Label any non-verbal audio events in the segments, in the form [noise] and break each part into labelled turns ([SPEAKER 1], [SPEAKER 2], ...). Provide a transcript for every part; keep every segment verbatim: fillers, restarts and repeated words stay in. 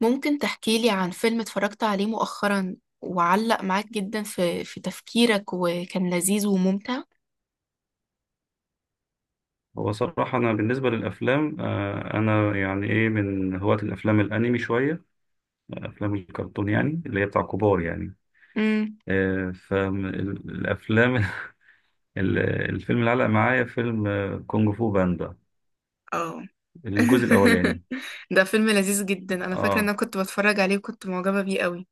[SPEAKER 1] ممكن تحكيلي عن فيلم اتفرجت عليه مؤخرا وعلق معاك جدا في في تفكيرك وكان لذيذ وممتع.
[SPEAKER 2] هو صراحة أنا بالنسبة للأفلام، آه، أنا يعني إيه من هواة الأفلام الأنمي، شوية أفلام الكرتون يعني اللي هي بتاع كبار يعني.
[SPEAKER 1] امم
[SPEAKER 2] آه، فالأفلام [laughs] ال- الفيلم اللي علق معايا فيلم آه، كونج فو باندا،
[SPEAKER 1] اه.
[SPEAKER 2] الجزء
[SPEAKER 1] [laughs]
[SPEAKER 2] الأولاني.
[SPEAKER 1] ده فيلم لذيذ جدا، انا فاكره ان
[SPEAKER 2] آه
[SPEAKER 1] انا كنت بتفرج عليه وكنت معجبه بيه قوي.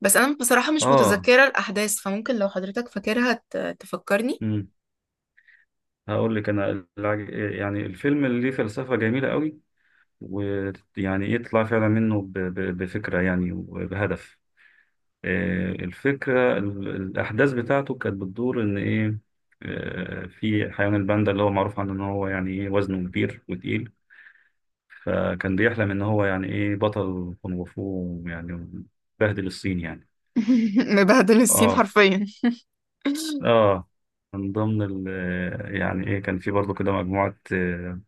[SPEAKER 1] بس انا بصراحه مش
[SPEAKER 2] آه
[SPEAKER 1] متذكره الاحداث، فممكن لو حضرتك فاكرها ت- تفكرني.
[SPEAKER 2] مم. هقول لك أنا الع- يعني الفيلم اللي ليه فلسفة جميلة قوي، ويعني يطلع فعلا منه ب- ب- بفكرة يعني وبهدف. آه، الفكرة ال- الأحداث بتاعته كانت بتدور إن إيه. آه، في حيوان الباندا اللي هو معروف عنه إن هو يعني إيه وزنه كبير وتقيل، فكان بيحلم إن هو يعني إيه بطل كونغ فو يعني، بهدل الصين يعني.
[SPEAKER 1] [laughs] مبهدل السين
[SPEAKER 2] آه ف-
[SPEAKER 1] حرفيا. [laughs]
[SPEAKER 2] آه من ضمن ال آه، يعني إيه كان في برضه كده مجموعة آه،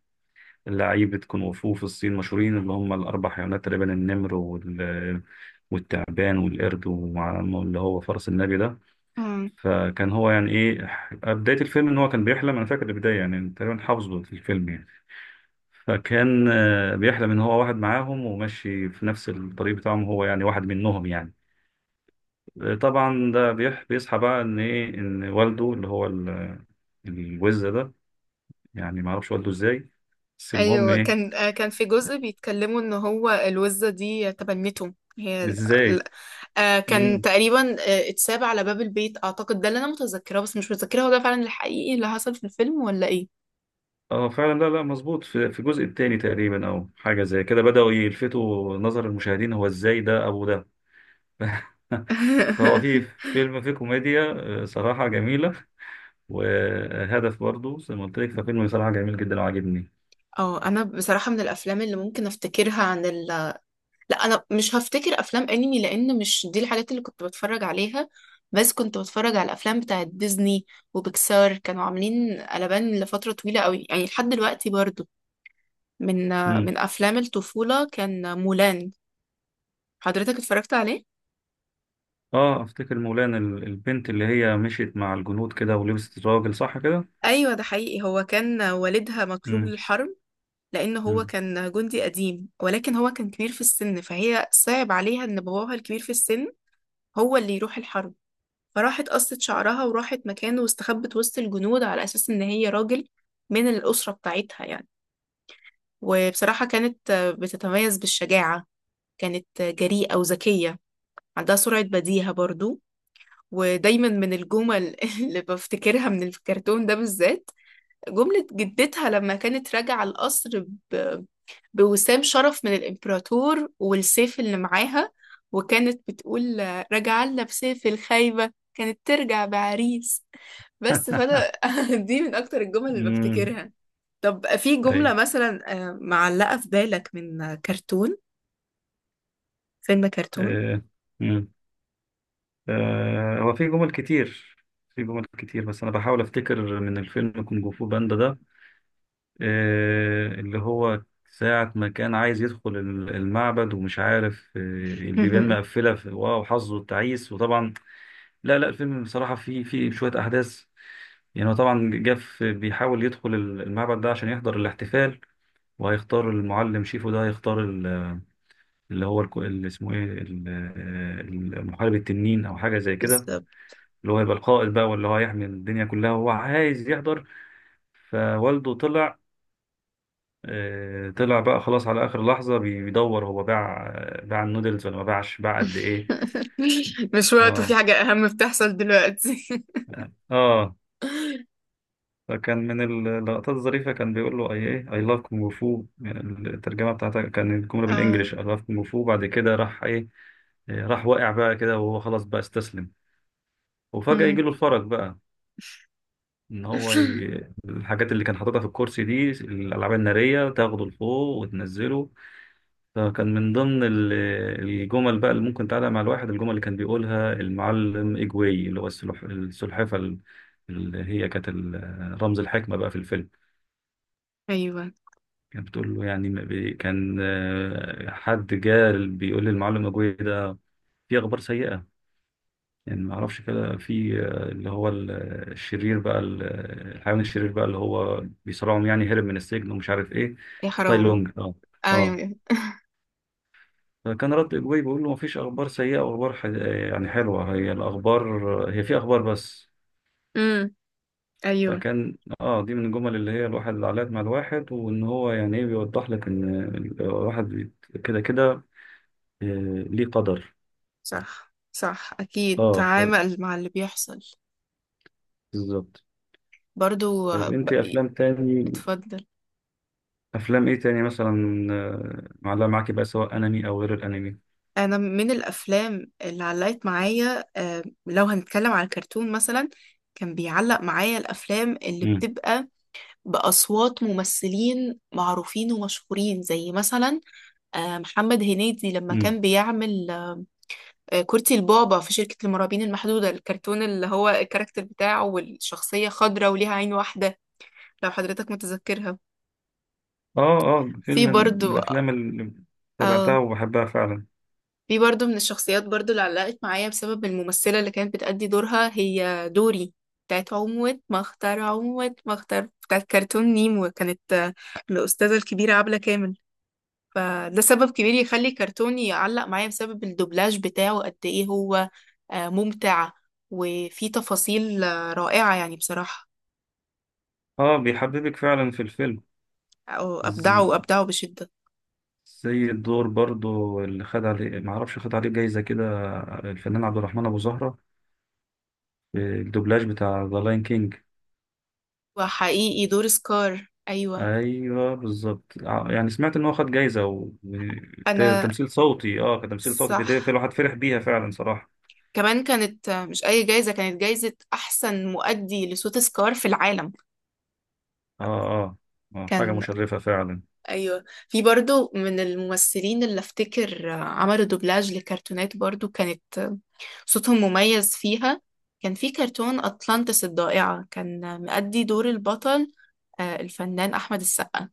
[SPEAKER 2] لعيبة كونغ فو في الصين مشهورين، اللي هم الأربع حيوانات تقريبا: النمر وال والتعبان والقرد ومع- اللي هو فرس النبي ده.
[SPEAKER 1] آه.
[SPEAKER 2] فكان هو يعني ايه، آه، بداية الفيلم ان هو كان بيحلم، انا فاكر البداية يعني تقريبا حافظه في الفيلم يعني. فكان آه، بيحلم ان هو واحد معاهم وماشي في نفس الطريق بتاعهم، هو يعني واحد منهم يعني. آه، طبعا ده بيح- بيصحى بقى ان ايه، ان والده اللي هو ال- الوز ده، يعني ما اعرفش والده ازاي، بس المهم
[SPEAKER 1] ايوه
[SPEAKER 2] ايه.
[SPEAKER 1] كان، آه، كان في جزء بيتكلموا ان هو الوزه دي تبنته هي.
[SPEAKER 2] ازاي؟
[SPEAKER 1] آه كان
[SPEAKER 2] مم.
[SPEAKER 1] تقريبا آه اتساب على باب البيت، اعتقد ده اللي انا متذكراه، بس مش متذكره هو ده فعلا الحقيقي اللي حصل في الفيلم ولا ايه.
[SPEAKER 2] اه فعلا، لا لا مظبوط، في في الجزء الثاني تقريبا او حاجه زي كده بداوا يلفتوا نظر المشاهدين هو ازاي ده ابو ده. [laughs] فهو في
[SPEAKER 1] [laughs]
[SPEAKER 2] فيلم فيه كوميديا آه، صراحة جميلة، وهدف برضو زي ما قلت لك، ففيلم صراحة جميل جدا وعجبني.
[SPEAKER 1] اه انا بصراحه من الافلام اللي ممكن افتكرها عن ال لا، انا مش هفتكر افلام انمي، لان مش دي الحاجات اللي كنت بتفرج عليها. بس كنت بتفرج على الافلام بتاعت ديزني وبيكسار، كانوا عاملين قلبان لفتره طويله قوي، يعني لحد دلوقتي برضو. من
[SPEAKER 2] مم.
[SPEAKER 1] من افلام الطفوله كان مولان. حضرتك اتفرجت عليه؟
[SPEAKER 2] اه افتكر مولانا ال- البنت اللي هي مشيت مع الجنود كده ولبست الراجل، صح كده؟
[SPEAKER 1] ايوه ده حقيقي، هو كان والدها مطلوب
[SPEAKER 2] مم.
[SPEAKER 1] للحرب. لأن هو
[SPEAKER 2] مم.
[SPEAKER 1] كان جندي قديم ولكن هو كان كبير في السن، فهي صعب عليها إن باباها الكبير في السن هو اللي يروح الحرب. فراحت قصت شعرها وراحت مكانه واستخبت وسط الجنود على أساس إن هي راجل من الأسرة بتاعتها يعني. وبصراحة كانت آه، بتتميز بالشجاعة، كانت آه، جريئة وذكية، عندها سرعة بديهة برضو. ودايما من الجمل [laughs] اللي بفتكرها من الكرتون ده بالذات، جملة جدتها لما كانت راجعة القصر بوسام شرف من الإمبراطور والسيف اللي معاها، وكانت بتقول آه، راجعة لنا بسيف الخايبة، كانت ترجع بعريس بس.
[SPEAKER 2] [laughs]
[SPEAKER 1] فأنا [laughs] دي من أكتر الجمل اللي
[SPEAKER 2] امم
[SPEAKER 1] بفتكرها. طب في
[SPEAKER 2] اي.
[SPEAKER 1] جملة مثلا آه، معلقة في بالك من آه، كرتون، فيلم كرتون؟
[SPEAKER 2] آه. مم. آه. هو في جمل كتير، في جمل كتير، بس انا بحاول افتكر من الفيلم كونج فو باندا ده. آه، اللي هو ساعة ما كان عايز يدخل ال- المعبد ومش عارف آه، البيبان
[SPEAKER 1] [laughs]
[SPEAKER 2] مقفلة في- واو حظه التعيس، وطبعا لا لا الفيلم بصراحة فيه فيه شوية أحداث. يعني هو طبعا جاف بيحاول يدخل ال- المعبد ده عشان يحضر الاحتفال، وهيختار المعلم شيفو، ده هيختار ال- اللي هو الك- اللي اسمه ايه ال- آه، المحارب التنين او حاجة زي كده،
[SPEAKER 1] بالظبط.
[SPEAKER 2] اللي هو هيبقى القائد بقى، واللي هو هيحمي الدنيا كلها، وهو عايز يحضر. فوالده طلع آه، طلع بقى خلاص على آخر لحظة، بي- بيدور هو باع آه، باع النودلز ولا ما باعش، باع قد إيه.
[SPEAKER 1] [laughs] مش وقت وفي
[SPEAKER 2] اه،
[SPEAKER 1] حاجة أهم بتحصل دلوقتي. [laughs]
[SPEAKER 2] اه. فكان من اللقطات الظريفة كان بيقول له اي ايه اي لاف كونغ فو، الترجمة بتاعتها كان الجملة
[SPEAKER 1] آه.
[SPEAKER 2] بالانجلش اي لاف كونغ فو. بعد كده راح ايه، إيه، راح واقع بقى كده وهو خلاص بقى استسلم، وفجأة
[SPEAKER 1] مم.
[SPEAKER 2] يجي له الفرج بقى ان هو ي...
[SPEAKER 1] [laughs]
[SPEAKER 2] الحاجات اللي كان حاططها في الكرسي دي الالعاب النارية تاخده لفوق وتنزله. فكان من ضمن ال- الجمل بقى اللي ممكن تعلق مع الواحد، الجمل اللي كان بيقولها المعلم إجوي، اللي هو السلح- السلحفة ال- اللي هي كانت ال- رمز الحكمة بقى في الفيلم.
[SPEAKER 1] أيوه.
[SPEAKER 2] كانت بتقول له يعني ما بي- كان آه، حد جه بيقول للمعلم إجوي ده في أخبار سيئة، يعني ما اعرفش كده في آه، اللي هو ال- الشرير بقى ال- الحيوان الشرير بقى اللي هو بيصارعهم يعني، هرب من السجن ومش عارف ايه،
[SPEAKER 1] يا
[SPEAKER 2] تاي
[SPEAKER 1] حرام.
[SPEAKER 2] لونج. اه، اه.
[SPEAKER 1] أيوه.
[SPEAKER 2] فكان رد إجوبي بيقول له مفيش أخبار سيئة وأخبار ح... يعني حلوة، هي الأخبار هي في أخبار بس.
[SPEAKER 1] مم. أيوه.
[SPEAKER 2] فكان آه دي من الجمل اللي هي الواحد اللي علقت مع الواحد، وإن هو يعني إيه بيوضح لك إن الواحد بيت- كده كده، آه، ليه قدر.
[SPEAKER 1] صح صح أكيد،
[SPEAKER 2] آه ف...
[SPEAKER 1] تعامل مع اللي بيحصل.
[SPEAKER 2] بالظبط.
[SPEAKER 1] برضو آه،
[SPEAKER 2] طيب أنت
[SPEAKER 1] ب-
[SPEAKER 2] أفلام تاني،
[SPEAKER 1] اتفضل.
[SPEAKER 2] أفلام إيه تاني مثلا آه، معلقة معاكي بقى، سواء أنمي أو غير الأنمي؟
[SPEAKER 1] أنا من الأفلام اللي علقت معايا، آه، لو هنتكلم على الكرتون مثلا، كان بيعلق معايا الأفلام اللي
[SPEAKER 2] مم.
[SPEAKER 1] بتبقى بأصوات ممثلين معروفين ومشهورين، زي مثلا آه، محمد هنيدي لما
[SPEAKER 2] مم.
[SPEAKER 1] كان بيعمل آه، كورتي البابا في شركة المرعبين المحدودة، الكرتون اللي هو الكاركتر بتاعه والشخصية خضراء وليها عين واحدة، لو حضرتك متذكرها.
[SPEAKER 2] آه آه فيلم
[SPEAKER 1] في
[SPEAKER 2] من
[SPEAKER 1] برضو
[SPEAKER 2] الأفلام اللي
[SPEAKER 1] اه،
[SPEAKER 2] تابعتها وبحبها فعلا.
[SPEAKER 1] دي برضو من الشخصيات برضو اللي علقت معايا بسبب الممثلة اللي كانت بتأدي دورها، هي دوري بتاعت عموة مختار. عموة مختار بتاعت كرتون نيمو كانت آه، الأستاذة الكبيرة عبلة كامل. فده سبب كبير يخلي كرتوني يعلق معايا، بسبب الدوبلاج بتاعه قد ايه هو آه، ممتع وفيه تفاصيل آه، رائعة يعني بصراحة.
[SPEAKER 2] آه بيحببك فعلا في
[SPEAKER 1] أو- أبدعه،
[SPEAKER 2] الفيلم.
[SPEAKER 1] أبدعه بشدة.
[SPEAKER 2] زي الدور برضو اللي خد عليه ما اعرفش خد عليه جايزة كده، الفنان عبد الرحمن ابو زهرة، الدوبلاج بتاع ذا لاين كينج.
[SPEAKER 1] وحقيقي دور سكار، أيوة.
[SPEAKER 2] ايوه بالظبط، ع- يعني سمعت ان هو خد جايزة و-
[SPEAKER 1] أنا
[SPEAKER 2] وتمثيل صوتي، اه كتمثيل صوتي في
[SPEAKER 1] صح.
[SPEAKER 2] في الواحد فرح بيها فعلا صراحة.
[SPEAKER 1] كمان كانت مش أي جايزة، كانت جايزة أحسن مؤدي لصوت سكار في العالم.
[SPEAKER 2] اه، اه. آه، حاجة
[SPEAKER 1] كان
[SPEAKER 2] مشرفة فعلا.
[SPEAKER 1] أيوة، في برضو من الممثلين اللي أفتكر عملوا دوبلاج لكرتونات برضو كانت صوتهم مميز فيها. كان في كرتون أطلانتس الضائعة، كان مؤدي دور البطل آه، الفنان أحمد السقا.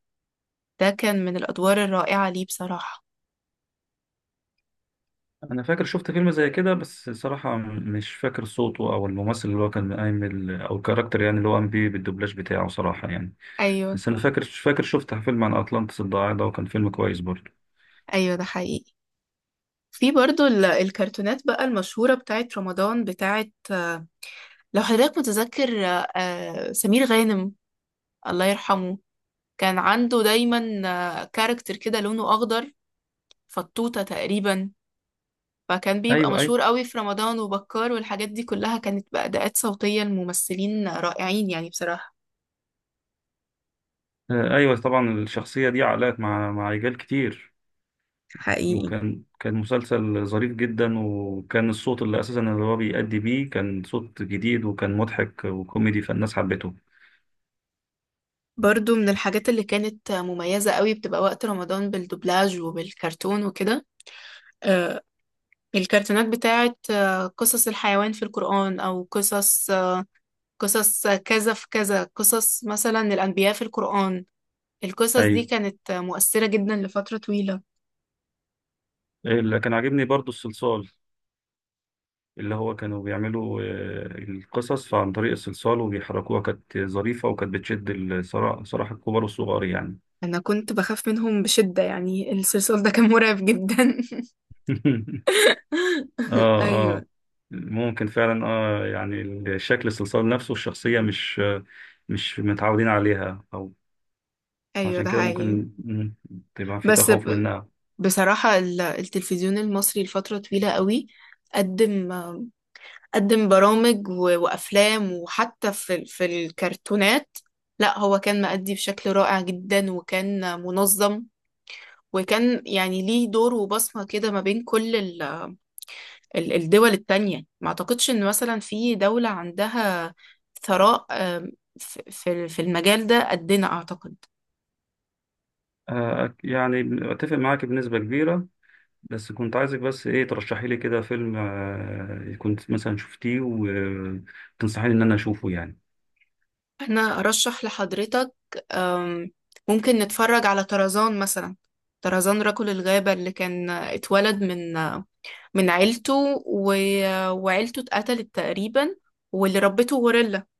[SPEAKER 1] ده كان من الأدوار الرائعة ليه بصراحة.
[SPEAKER 2] انا فاكر شفت فيلم زي كده، بس صراحة م- مش فاكر صوته او الممثل اللي هو كان قايم ال- او الكاركتر يعني اللي هو قام بيه بالدوبلاج بتاعه صراحة يعني.
[SPEAKER 1] أيوة.
[SPEAKER 2] بس انا فاكر فاكر شفت فيلم عن اطلانتس الضايع ده، وكان فيلم كويس برضه.
[SPEAKER 1] أيوة ده حقيقي. في برضو ال- الكرتونات بقى المشهورة بتاعت رمضان، بتاعت، لو حضرتك متذكر، آه، سمير غانم، الله يرحمه. كان عنده دايما كاركتر كده لونه أخضر، فطوطة تقريبا. فكان بيبقى
[SPEAKER 2] ايوه، ايوه.
[SPEAKER 1] مشهور قوي في رمضان، وبكار، والحاجات دي كلها، كانت بأداءات صوتية الممثلين رائعين يعني بصراحة.
[SPEAKER 2] آه، ايوه طبعا الشخصيه دي علقت مع مع رجال كتير.
[SPEAKER 1] حقيقي
[SPEAKER 2] وكان كان مسلسل ظريف جدا، وكان الصوت اللي اساسا اللي هو بيأدي بيه كان صوت جديد وكان مضحك وكوميدي، فالناس حبته.
[SPEAKER 1] برضو من الحاجات اللي كانت مميزة قوي بتبقى وقت رمضان بالدوبلاج وبالكرتون وكده، آه، الكرتونات بتاعت آه، قصص الحيوان في القرآن، أو قصص قصص كذا في كذا، قصص مثلا الأنبياء في القرآن. القصص دي
[SPEAKER 2] ايوه.
[SPEAKER 1] كانت مؤثرة جدا لفترة طويلة.
[SPEAKER 2] آه، اللي كان عاجبني برضو الصلصال، اللي هو كانوا بيعملوا آه، القصص عن طريق الصلصال وبيحركوها، كانت ظريفه وكانت بتشد الصراحه صراحه الكبار والصغار يعني.
[SPEAKER 1] أنا كنت بخاف منهم بشدة يعني، الصلصال ده كان مرعب جدا. [laughs]
[SPEAKER 2] [laughs] اه، اه.
[SPEAKER 1] أيوه.
[SPEAKER 2] ممكن فعلا اه، يعني شكل الصلصال نفسه، الشخصية مش مش متعودين عليها، او
[SPEAKER 1] أيوه
[SPEAKER 2] عشان
[SPEAKER 1] ده
[SPEAKER 2] كده
[SPEAKER 1] حقيقي.
[SPEAKER 2] ممكن مم، تبقى في
[SPEAKER 1] بس
[SPEAKER 2] تخوف
[SPEAKER 1] ب-
[SPEAKER 2] منها.
[SPEAKER 1] بصراحة ال- التلفزيون المصري لفترة طويلة قوي قدم، قدم برامج و- وأفلام، وحتى في ال- في الكرتونات، لا هو كان مأدي بشكل رائع جدا وكان منظم، وكان يعني ليه دور وبصمة كده ما بين كل ال- ال- الدول التانية. ما أعتقدش إن مثلا في دولة عندها ثراء آم، ف- في في المجال ده قدنا أعتقد.
[SPEAKER 2] آه يعني اتفق معاك بنسبة كبيرة. بس كنت عايزك بس ايه ترشحي لي كده فيلم آه كنت مثلا شفتيه وتنصحيني ان انا اشوفه يعني.
[SPEAKER 1] أنا أرشح لحضرتك آم، ممكن نتفرج على طرزان مثلا، طرزان رجل الغابة، اللي كان اتولد من من عيلته و... وعيلته اتقتلت تقريبا، واللي ربته غوريلا.